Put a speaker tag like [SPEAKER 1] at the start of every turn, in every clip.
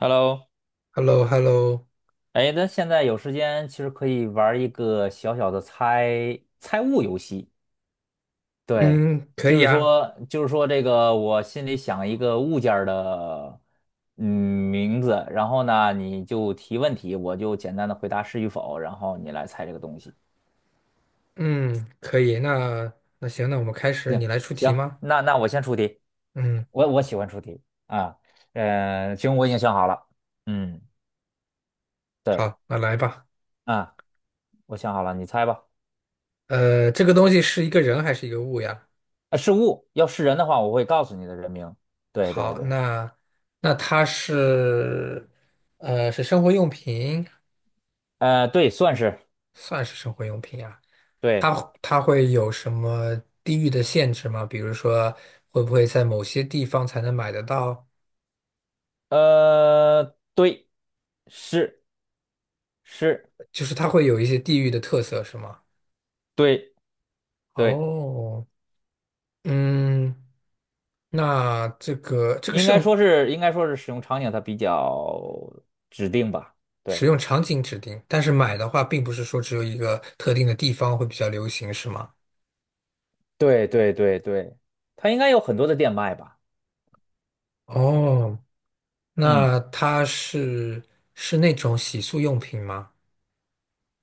[SPEAKER 1] Hello，
[SPEAKER 2] hello hello
[SPEAKER 1] 哎，咱现在有时间，其实可以玩儿一个小小的猜猜物游戏。对，
[SPEAKER 2] 嗯，可
[SPEAKER 1] 就
[SPEAKER 2] 以
[SPEAKER 1] 是
[SPEAKER 2] 啊。
[SPEAKER 1] 说，就是说，这个我心里想一个物件儿的嗯名字，然后呢，你就提问题，我就简单的回答是与否，然后你来猜这个东西。
[SPEAKER 2] 嗯，可以，那行，那我们开始，你
[SPEAKER 1] 行
[SPEAKER 2] 来出题
[SPEAKER 1] 行，
[SPEAKER 2] 吗？
[SPEAKER 1] 那我先出题，
[SPEAKER 2] 嗯，
[SPEAKER 1] 我喜欢出题，啊，行，我已经想好了，嗯，对，
[SPEAKER 2] 好，那来吧。
[SPEAKER 1] 啊，我想好了，你猜吧。
[SPEAKER 2] 这个东西是一个人还是一个物呀？
[SPEAKER 1] 呃，是物，要是人的话，我会告诉你的人名。对对
[SPEAKER 2] 好，
[SPEAKER 1] 对，
[SPEAKER 2] 那它是生活用品，
[SPEAKER 1] 对，算是。
[SPEAKER 2] 算是生活用品啊。它
[SPEAKER 1] 对，
[SPEAKER 2] 它会有什么地域的限制吗？比如说，会不会在某些地方才能买得到？
[SPEAKER 1] 呃，对，是是，
[SPEAKER 2] 就是它会有一些地域的特色，是吗？
[SPEAKER 1] 对对，
[SPEAKER 2] 哦。嗯。那这个这个
[SPEAKER 1] 应该
[SPEAKER 2] 剩
[SPEAKER 1] 说是应该说是使用场景它比较指定吧。
[SPEAKER 2] 使
[SPEAKER 1] 对
[SPEAKER 2] 用场景指定，但是买的话，并不是说只有一个特定的地方会比较流行，是吗？
[SPEAKER 1] 对对对对，它应该有很多的店卖吧。
[SPEAKER 2] 哦，
[SPEAKER 1] 嗯
[SPEAKER 2] 那它是那种洗漱用品吗？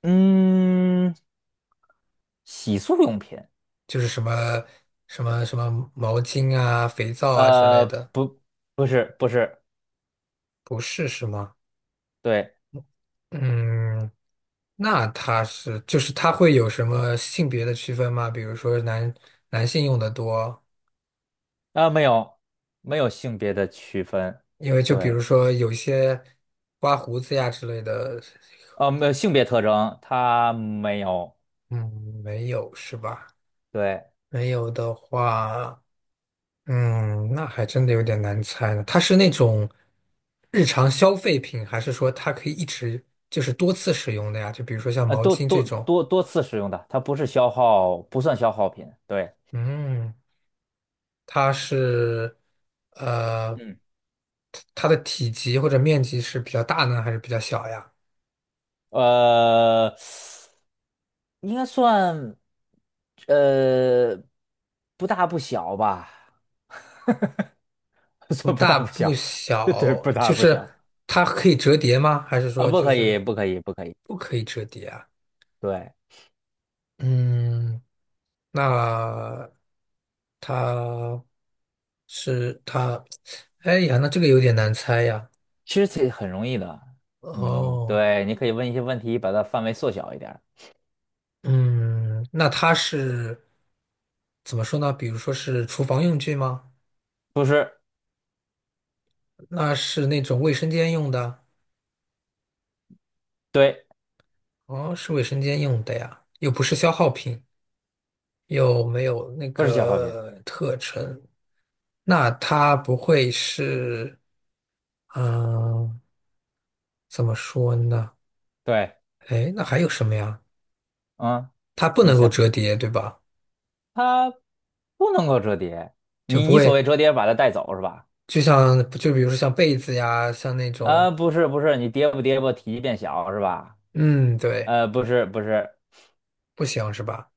[SPEAKER 1] 嗯，洗漱用品，
[SPEAKER 2] 就是什么毛巾啊、肥皂啊之类
[SPEAKER 1] 呃，
[SPEAKER 2] 的？
[SPEAKER 1] 不不是不是，
[SPEAKER 2] 不是，是吗？
[SPEAKER 1] 对，
[SPEAKER 2] 嗯，那就是它会有什么性别的区分吗？比如说男性用的多，
[SPEAKER 1] 啊、没有没有性别的区分，
[SPEAKER 2] 因为就比
[SPEAKER 1] 对。
[SPEAKER 2] 如说有一些刮胡子呀之类的。
[SPEAKER 1] 没有性别特征，它没有，
[SPEAKER 2] 嗯，没有是吧？
[SPEAKER 1] 对，
[SPEAKER 2] 没有的话，嗯，那还真的有点难猜呢。它是那种日常消费品，还是说它可以一直就是多次使用的呀？就比如说像毛
[SPEAKER 1] 多
[SPEAKER 2] 巾这
[SPEAKER 1] 多
[SPEAKER 2] 种，
[SPEAKER 1] 多多次使用的，它不是消耗，不算消耗品，对，
[SPEAKER 2] 嗯，它是呃，
[SPEAKER 1] 嗯，
[SPEAKER 2] 它的体积或者面积是比较大呢，还是比较小呀？
[SPEAKER 1] 呃，应该算，呃，不大不小吧，
[SPEAKER 2] 不
[SPEAKER 1] 算不大
[SPEAKER 2] 大
[SPEAKER 1] 不
[SPEAKER 2] 不
[SPEAKER 1] 小，对，
[SPEAKER 2] 小，
[SPEAKER 1] 不
[SPEAKER 2] 就
[SPEAKER 1] 大不小，
[SPEAKER 2] 是它可以折叠吗？还是
[SPEAKER 1] 啊，
[SPEAKER 2] 说
[SPEAKER 1] 不
[SPEAKER 2] 就
[SPEAKER 1] 可
[SPEAKER 2] 是
[SPEAKER 1] 以，不可以，不可以，
[SPEAKER 2] 不可以折叠啊？
[SPEAKER 1] 对。
[SPEAKER 2] 嗯。那它是它？哎呀，那这个有点难猜呀。
[SPEAKER 1] 其实这很容易的，你
[SPEAKER 2] 哦，
[SPEAKER 1] 对，你可以问一些问题，把它范围缩小一点儿。
[SPEAKER 2] 嗯，那怎么说呢？比如说是厨房用具吗？
[SPEAKER 1] 不是。
[SPEAKER 2] 那是那种卫生间用的？
[SPEAKER 1] 对，
[SPEAKER 2] 哦，是卫生间用的呀，又不是消耗品，又没有那
[SPEAKER 1] 不是消耗品，
[SPEAKER 2] 个特征。那它不会是，嗯、怎么说呢？
[SPEAKER 1] 对，
[SPEAKER 2] 哎，那还有什么呀？
[SPEAKER 1] 嗯。
[SPEAKER 2] 它不
[SPEAKER 1] 你
[SPEAKER 2] 能够
[SPEAKER 1] 想。
[SPEAKER 2] 折叠，对吧？
[SPEAKER 1] 它不能够折叠。
[SPEAKER 2] 就
[SPEAKER 1] 你
[SPEAKER 2] 不
[SPEAKER 1] 你所谓
[SPEAKER 2] 会，
[SPEAKER 1] 折叠，把它带走是吧？
[SPEAKER 2] 就比如说像被子呀，像那种，
[SPEAKER 1] 啊，不是不是，你叠不叠不，体积变小是吧？
[SPEAKER 2] 嗯，对，
[SPEAKER 1] 不是不是，
[SPEAKER 2] 不行是吧？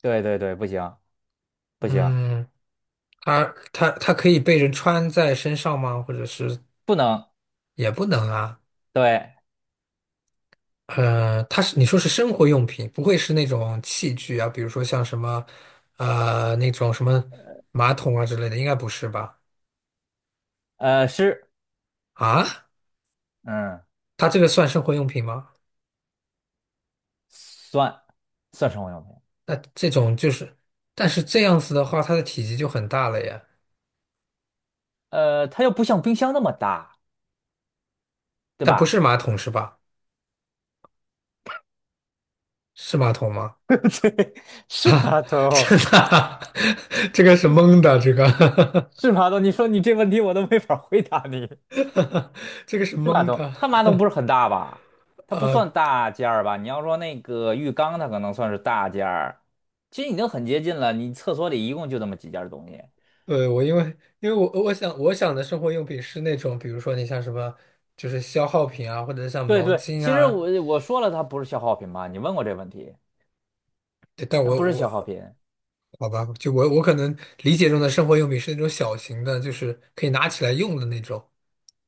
[SPEAKER 1] 对对对，不行不行，
[SPEAKER 2] 嗯，它它可以被人穿在身上吗？或者是
[SPEAKER 1] 不能
[SPEAKER 2] 也不能啊？
[SPEAKER 1] 对，
[SPEAKER 2] 你说是生活用品，不会是那种器具啊，比如说像什么那种什么马桶啊之类的，应该不是吧？
[SPEAKER 1] 是，
[SPEAKER 2] 啊，
[SPEAKER 1] 嗯，
[SPEAKER 2] 它这个算生活用品吗？
[SPEAKER 1] 算算生活用品。
[SPEAKER 2] 那这种就是，但是这样子的话，它的体积就很大了呀。
[SPEAKER 1] 它又不像冰箱那么大，对
[SPEAKER 2] 但不是
[SPEAKER 1] 吧？
[SPEAKER 2] 马桶是吧？是马桶吗？
[SPEAKER 1] 对，是
[SPEAKER 2] 啊，
[SPEAKER 1] 吧头
[SPEAKER 2] 真的啊 这个是蒙的，
[SPEAKER 1] 是吧头你说你这问题我都没法回答你。
[SPEAKER 2] 这个是
[SPEAKER 1] 是马
[SPEAKER 2] 蒙
[SPEAKER 1] 桶，
[SPEAKER 2] 的，
[SPEAKER 1] 它马桶不是很大吧？它不
[SPEAKER 2] 啊，
[SPEAKER 1] 算大件儿吧？你要说那个浴缸，它可能算是大件儿。其实已经很接近了，你厕所里一共就这么几件儿东西。
[SPEAKER 2] 对，我因为因为我我想我想的生活用品是那种，比如说你像什么，就是消耗品啊，或者像
[SPEAKER 1] 对
[SPEAKER 2] 毛
[SPEAKER 1] 对，
[SPEAKER 2] 巾
[SPEAKER 1] 其实
[SPEAKER 2] 啊。
[SPEAKER 1] 我说了，它不是消耗品嘛？你问过这问题，
[SPEAKER 2] 对，但
[SPEAKER 1] 它
[SPEAKER 2] 我
[SPEAKER 1] 不是消耗
[SPEAKER 2] 我
[SPEAKER 1] 品
[SPEAKER 2] 好吧，就我可能理解中的生活用品是那种小型的，就是可以拿起来用的那种。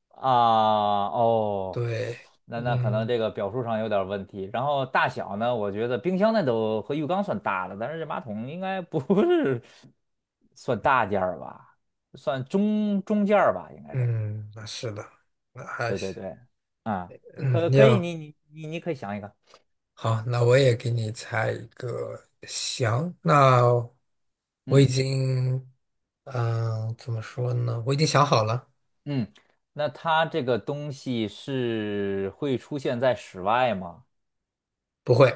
[SPEAKER 1] 啊。哦，
[SPEAKER 2] 对。
[SPEAKER 1] 那可能
[SPEAKER 2] 嗯
[SPEAKER 1] 这个表述上有点儿问题。然后大小呢，我觉得冰箱那都和浴缸算大的，但是这马桶应该不是 算大件儿吧？算中件儿吧，应该是。
[SPEAKER 2] 嗯，那是的，那还
[SPEAKER 1] 对对
[SPEAKER 2] 行。
[SPEAKER 1] 对，啊，
[SPEAKER 2] 嗯，
[SPEAKER 1] 可
[SPEAKER 2] 一
[SPEAKER 1] 可以，
[SPEAKER 2] 样。
[SPEAKER 1] 你可以想一个。
[SPEAKER 2] 好，那我也给你猜一个。行，那我已
[SPEAKER 1] 嗯
[SPEAKER 2] 经，嗯、怎么说呢？我已经想好了。
[SPEAKER 1] 嗯，那它这个东西是会出现在室外吗？
[SPEAKER 2] 不会，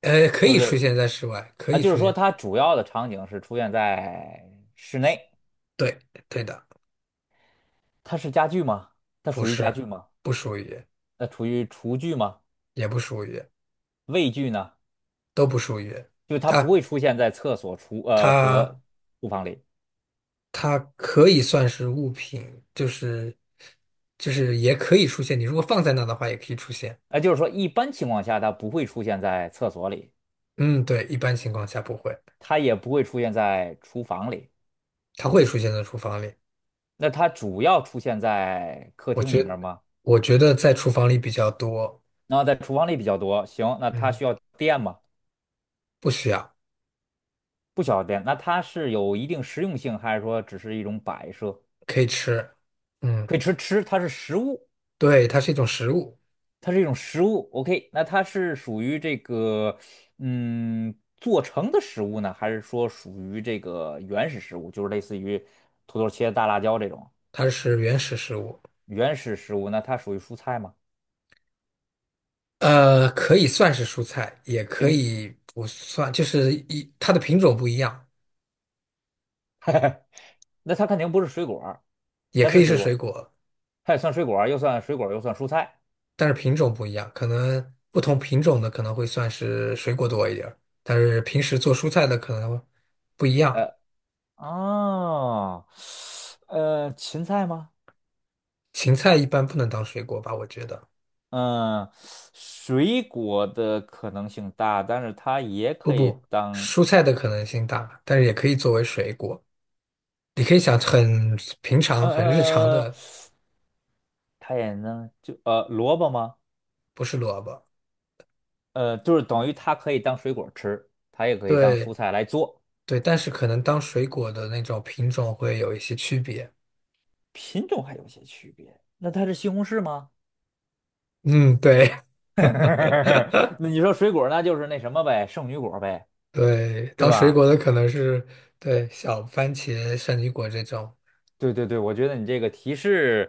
[SPEAKER 2] 可
[SPEAKER 1] 就
[SPEAKER 2] 以出
[SPEAKER 1] 是
[SPEAKER 2] 现在室外，可
[SPEAKER 1] 啊，
[SPEAKER 2] 以
[SPEAKER 1] 就是
[SPEAKER 2] 出
[SPEAKER 1] 说
[SPEAKER 2] 现。
[SPEAKER 1] 它主要的场景是出现在室内，
[SPEAKER 2] 对，对的。
[SPEAKER 1] 它是家具吗？它
[SPEAKER 2] 不
[SPEAKER 1] 属于家
[SPEAKER 2] 是，
[SPEAKER 1] 具吗？
[SPEAKER 2] 不属于，
[SPEAKER 1] 那属于厨具吗？
[SPEAKER 2] 也不属于，
[SPEAKER 1] 卫具呢？
[SPEAKER 2] 都不属于。
[SPEAKER 1] 就它不
[SPEAKER 2] 它，
[SPEAKER 1] 会出现在厕所、
[SPEAKER 2] 它，
[SPEAKER 1] 和厨房里，
[SPEAKER 2] 它可以算是物品。就是也可以出现。你如果放在那的话，也可以出现。
[SPEAKER 1] 啊，就是说一般情况下它不会出现在厕所里，
[SPEAKER 2] 嗯，对，一般情况下不会，
[SPEAKER 1] 它也不会出现在厨房里。
[SPEAKER 2] 它会出现在厨房里。
[SPEAKER 1] 那它主要出现在客
[SPEAKER 2] 我
[SPEAKER 1] 厅里面儿
[SPEAKER 2] 觉
[SPEAKER 1] 吗？
[SPEAKER 2] 我觉得在厨房里比较多。
[SPEAKER 1] 然后在厨房里比较多。行，那它
[SPEAKER 2] 嗯，
[SPEAKER 1] 需要电吗？
[SPEAKER 2] 不需要。
[SPEAKER 1] 不需要电。那它是有一定实用性，还是说只是一种摆设？
[SPEAKER 2] 可以吃。嗯，
[SPEAKER 1] 可以吃吃，它是食物，
[SPEAKER 2] 对，它是一种食物。
[SPEAKER 1] 它是一种食物。OK，那它是属于这个做成的食物呢，还是说属于这个原始食物，就是类似于土豆切大辣椒这种
[SPEAKER 2] 它是原始食物。
[SPEAKER 1] 原始食物？那它属于蔬菜吗？
[SPEAKER 2] 可以算是蔬菜，也可
[SPEAKER 1] 芹，
[SPEAKER 2] 以不算，就是它的品种不一样，
[SPEAKER 1] 那它肯定不是水果儿。
[SPEAKER 2] 也
[SPEAKER 1] 它
[SPEAKER 2] 可
[SPEAKER 1] 是
[SPEAKER 2] 以
[SPEAKER 1] 水
[SPEAKER 2] 是
[SPEAKER 1] 果儿
[SPEAKER 2] 水
[SPEAKER 1] 吗？
[SPEAKER 2] 果，
[SPEAKER 1] 它也算水果儿又算蔬菜。
[SPEAKER 2] 但是品种不一样，可能不同品种的可能会算是水果多一点儿，但是平时做蔬菜的可能不一
[SPEAKER 1] 呃，
[SPEAKER 2] 样。
[SPEAKER 1] 哦，芹菜吗？
[SPEAKER 2] 芹菜一般不能当水果吧，我觉得。
[SPEAKER 1] 嗯，水果的可能性大，但是它也
[SPEAKER 2] 不
[SPEAKER 1] 可以
[SPEAKER 2] 不，
[SPEAKER 1] 当，
[SPEAKER 2] 蔬菜的可能性大，但是也可以作为水果。你可以想很平常、
[SPEAKER 1] 呃
[SPEAKER 2] 很日常
[SPEAKER 1] 呃，呃
[SPEAKER 2] 的。
[SPEAKER 1] 它也能就萝卜吗？
[SPEAKER 2] 不是萝卜。
[SPEAKER 1] 就是等于它可以当水果吃，它也可以当
[SPEAKER 2] 对
[SPEAKER 1] 蔬菜来做，
[SPEAKER 2] 对，但是可能当水果的那种品种会有一些区别。
[SPEAKER 1] 品种还有些区别。那它是西红柿吗？
[SPEAKER 2] 嗯，对。
[SPEAKER 1] 那你说水果，那就是那什么呗，圣女果呗，
[SPEAKER 2] 对，
[SPEAKER 1] 对
[SPEAKER 2] 当水
[SPEAKER 1] 吧？
[SPEAKER 2] 果的可能是，对，小番茄、圣女果这种。
[SPEAKER 1] 对对对，我觉得你这个提示，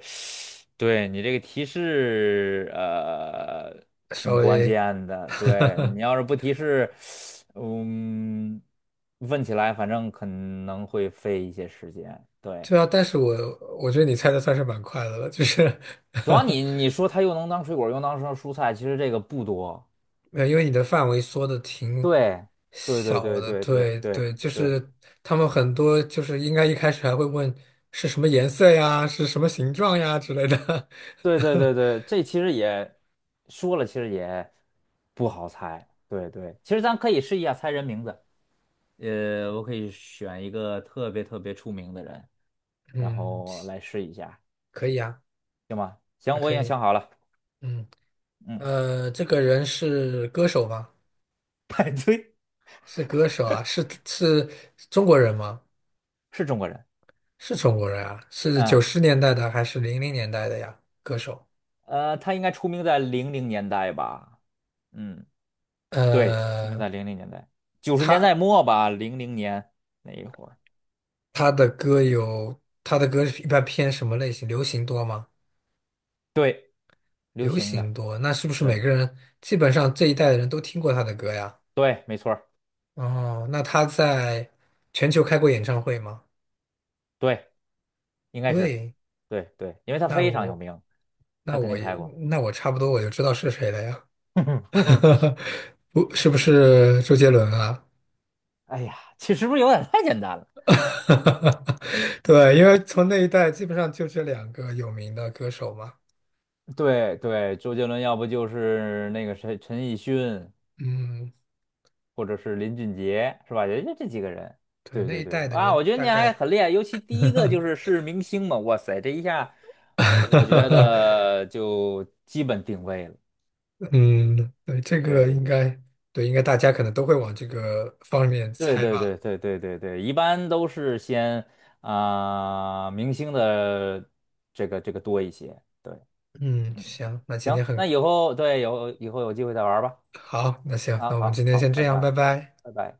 [SPEAKER 1] 对你这个提示，
[SPEAKER 2] 稍
[SPEAKER 1] 挺关
[SPEAKER 2] 微。
[SPEAKER 1] 键的。对你 要是不提示，嗯，问起来反正可能会费一些时间。对，
[SPEAKER 2] 对啊。但是我觉得你猜的算是蛮快的了，就是。
[SPEAKER 1] 主要 你说它又能当水果，又能当蔬菜，其实这个不多。
[SPEAKER 2] 没有，因为你的范围缩的挺
[SPEAKER 1] 对，对对
[SPEAKER 2] 小
[SPEAKER 1] 对
[SPEAKER 2] 的，
[SPEAKER 1] 对对对
[SPEAKER 2] 对
[SPEAKER 1] 对
[SPEAKER 2] 对，就
[SPEAKER 1] 对
[SPEAKER 2] 是他们很多就是应该一开始还会问是什么颜色呀，是什么形状呀之类的。
[SPEAKER 1] 对对对，这其实也说了，其实也不好猜。对对，其实咱可以试一下猜人名字。我可以选一个特别特别出名的人，然
[SPEAKER 2] 嗯，
[SPEAKER 1] 后来试一下，
[SPEAKER 2] 可以啊。
[SPEAKER 1] 行吗？
[SPEAKER 2] 啊，
[SPEAKER 1] 行，我已
[SPEAKER 2] 可
[SPEAKER 1] 经
[SPEAKER 2] 以。
[SPEAKER 1] 想好了。
[SPEAKER 2] 嗯，
[SPEAKER 1] 嗯，
[SPEAKER 2] 这个人是歌手吗？
[SPEAKER 1] 派对
[SPEAKER 2] 是歌手啊，是中国人吗？
[SPEAKER 1] 是中国人。
[SPEAKER 2] 是中国人啊，是九
[SPEAKER 1] 嗯，
[SPEAKER 2] 十年代的还是00年代的呀？歌手。
[SPEAKER 1] 他应该出名在零零年代吧？嗯，对，出名
[SPEAKER 2] 呃，
[SPEAKER 1] 在零零年代，九十年
[SPEAKER 2] 他。
[SPEAKER 1] 代末吧，零零年那一会儿，
[SPEAKER 2] 他的歌一般偏什么类型？流行多吗？
[SPEAKER 1] 对，流
[SPEAKER 2] 流
[SPEAKER 1] 行
[SPEAKER 2] 行
[SPEAKER 1] 的，
[SPEAKER 2] 多，那是不是每
[SPEAKER 1] 对，
[SPEAKER 2] 个人基本上这一代的人都听过他的歌呀？
[SPEAKER 1] 对，没错儿
[SPEAKER 2] 哦，那他在全球开过演唱会吗？
[SPEAKER 1] 对，应该是，
[SPEAKER 2] 对，
[SPEAKER 1] 对对，因为他
[SPEAKER 2] 那
[SPEAKER 1] 非常有
[SPEAKER 2] 我
[SPEAKER 1] 名，他
[SPEAKER 2] 那
[SPEAKER 1] 肯
[SPEAKER 2] 我
[SPEAKER 1] 定
[SPEAKER 2] 也
[SPEAKER 1] 开过。
[SPEAKER 2] 那我差不多我就知道是谁了呀。不，是不是周杰伦啊？
[SPEAKER 1] 哎呀，其实是不是有点太简单了？
[SPEAKER 2] 对，因为从那一代基本上就这两个有名的歌手嘛。
[SPEAKER 1] 对对，周杰伦要不就是那个谁陈奕迅，
[SPEAKER 2] 嗯，
[SPEAKER 1] 或者是林俊杰，是吧？也就这几个人。
[SPEAKER 2] 对，
[SPEAKER 1] 对
[SPEAKER 2] 那
[SPEAKER 1] 对
[SPEAKER 2] 一
[SPEAKER 1] 对，
[SPEAKER 2] 代的
[SPEAKER 1] 啊，
[SPEAKER 2] 人
[SPEAKER 1] 我觉得
[SPEAKER 2] 大
[SPEAKER 1] 你还
[SPEAKER 2] 概。
[SPEAKER 1] 很厉害，尤其第一个是明星嘛，哇塞，这一下我觉 得就基本定位了。
[SPEAKER 2] 嗯，对，这个应
[SPEAKER 1] 对
[SPEAKER 2] 该，对，应该大家可能都会往这个方面
[SPEAKER 1] 对
[SPEAKER 2] 猜
[SPEAKER 1] 对对
[SPEAKER 2] 吧。
[SPEAKER 1] 对对对对对，一般都是先啊、明星的这个多一些。对，
[SPEAKER 2] 嗯，
[SPEAKER 1] 嗯，
[SPEAKER 2] 行，那今天
[SPEAKER 1] 行，那
[SPEAKER 2] 很
[SPEAKER 1] 以后对有以后有机会再玩吧。
[SPEAKER 2] 好，那行，
[SPEAKER 1] 啊，
[SPEAKER 2] 那我们
[SPEAKER 1] 好
[SPEAKER 2] 今天
[SPEAKER 1] 好，
[SPEAKER 2] 先这
[SPEAKER 1] 拜
[SPEAKER 2] 样，拜
[SPEAKER 1] 拜，
[SPEAKER 2] 拜。
[SPEAKER 1] 拜拜。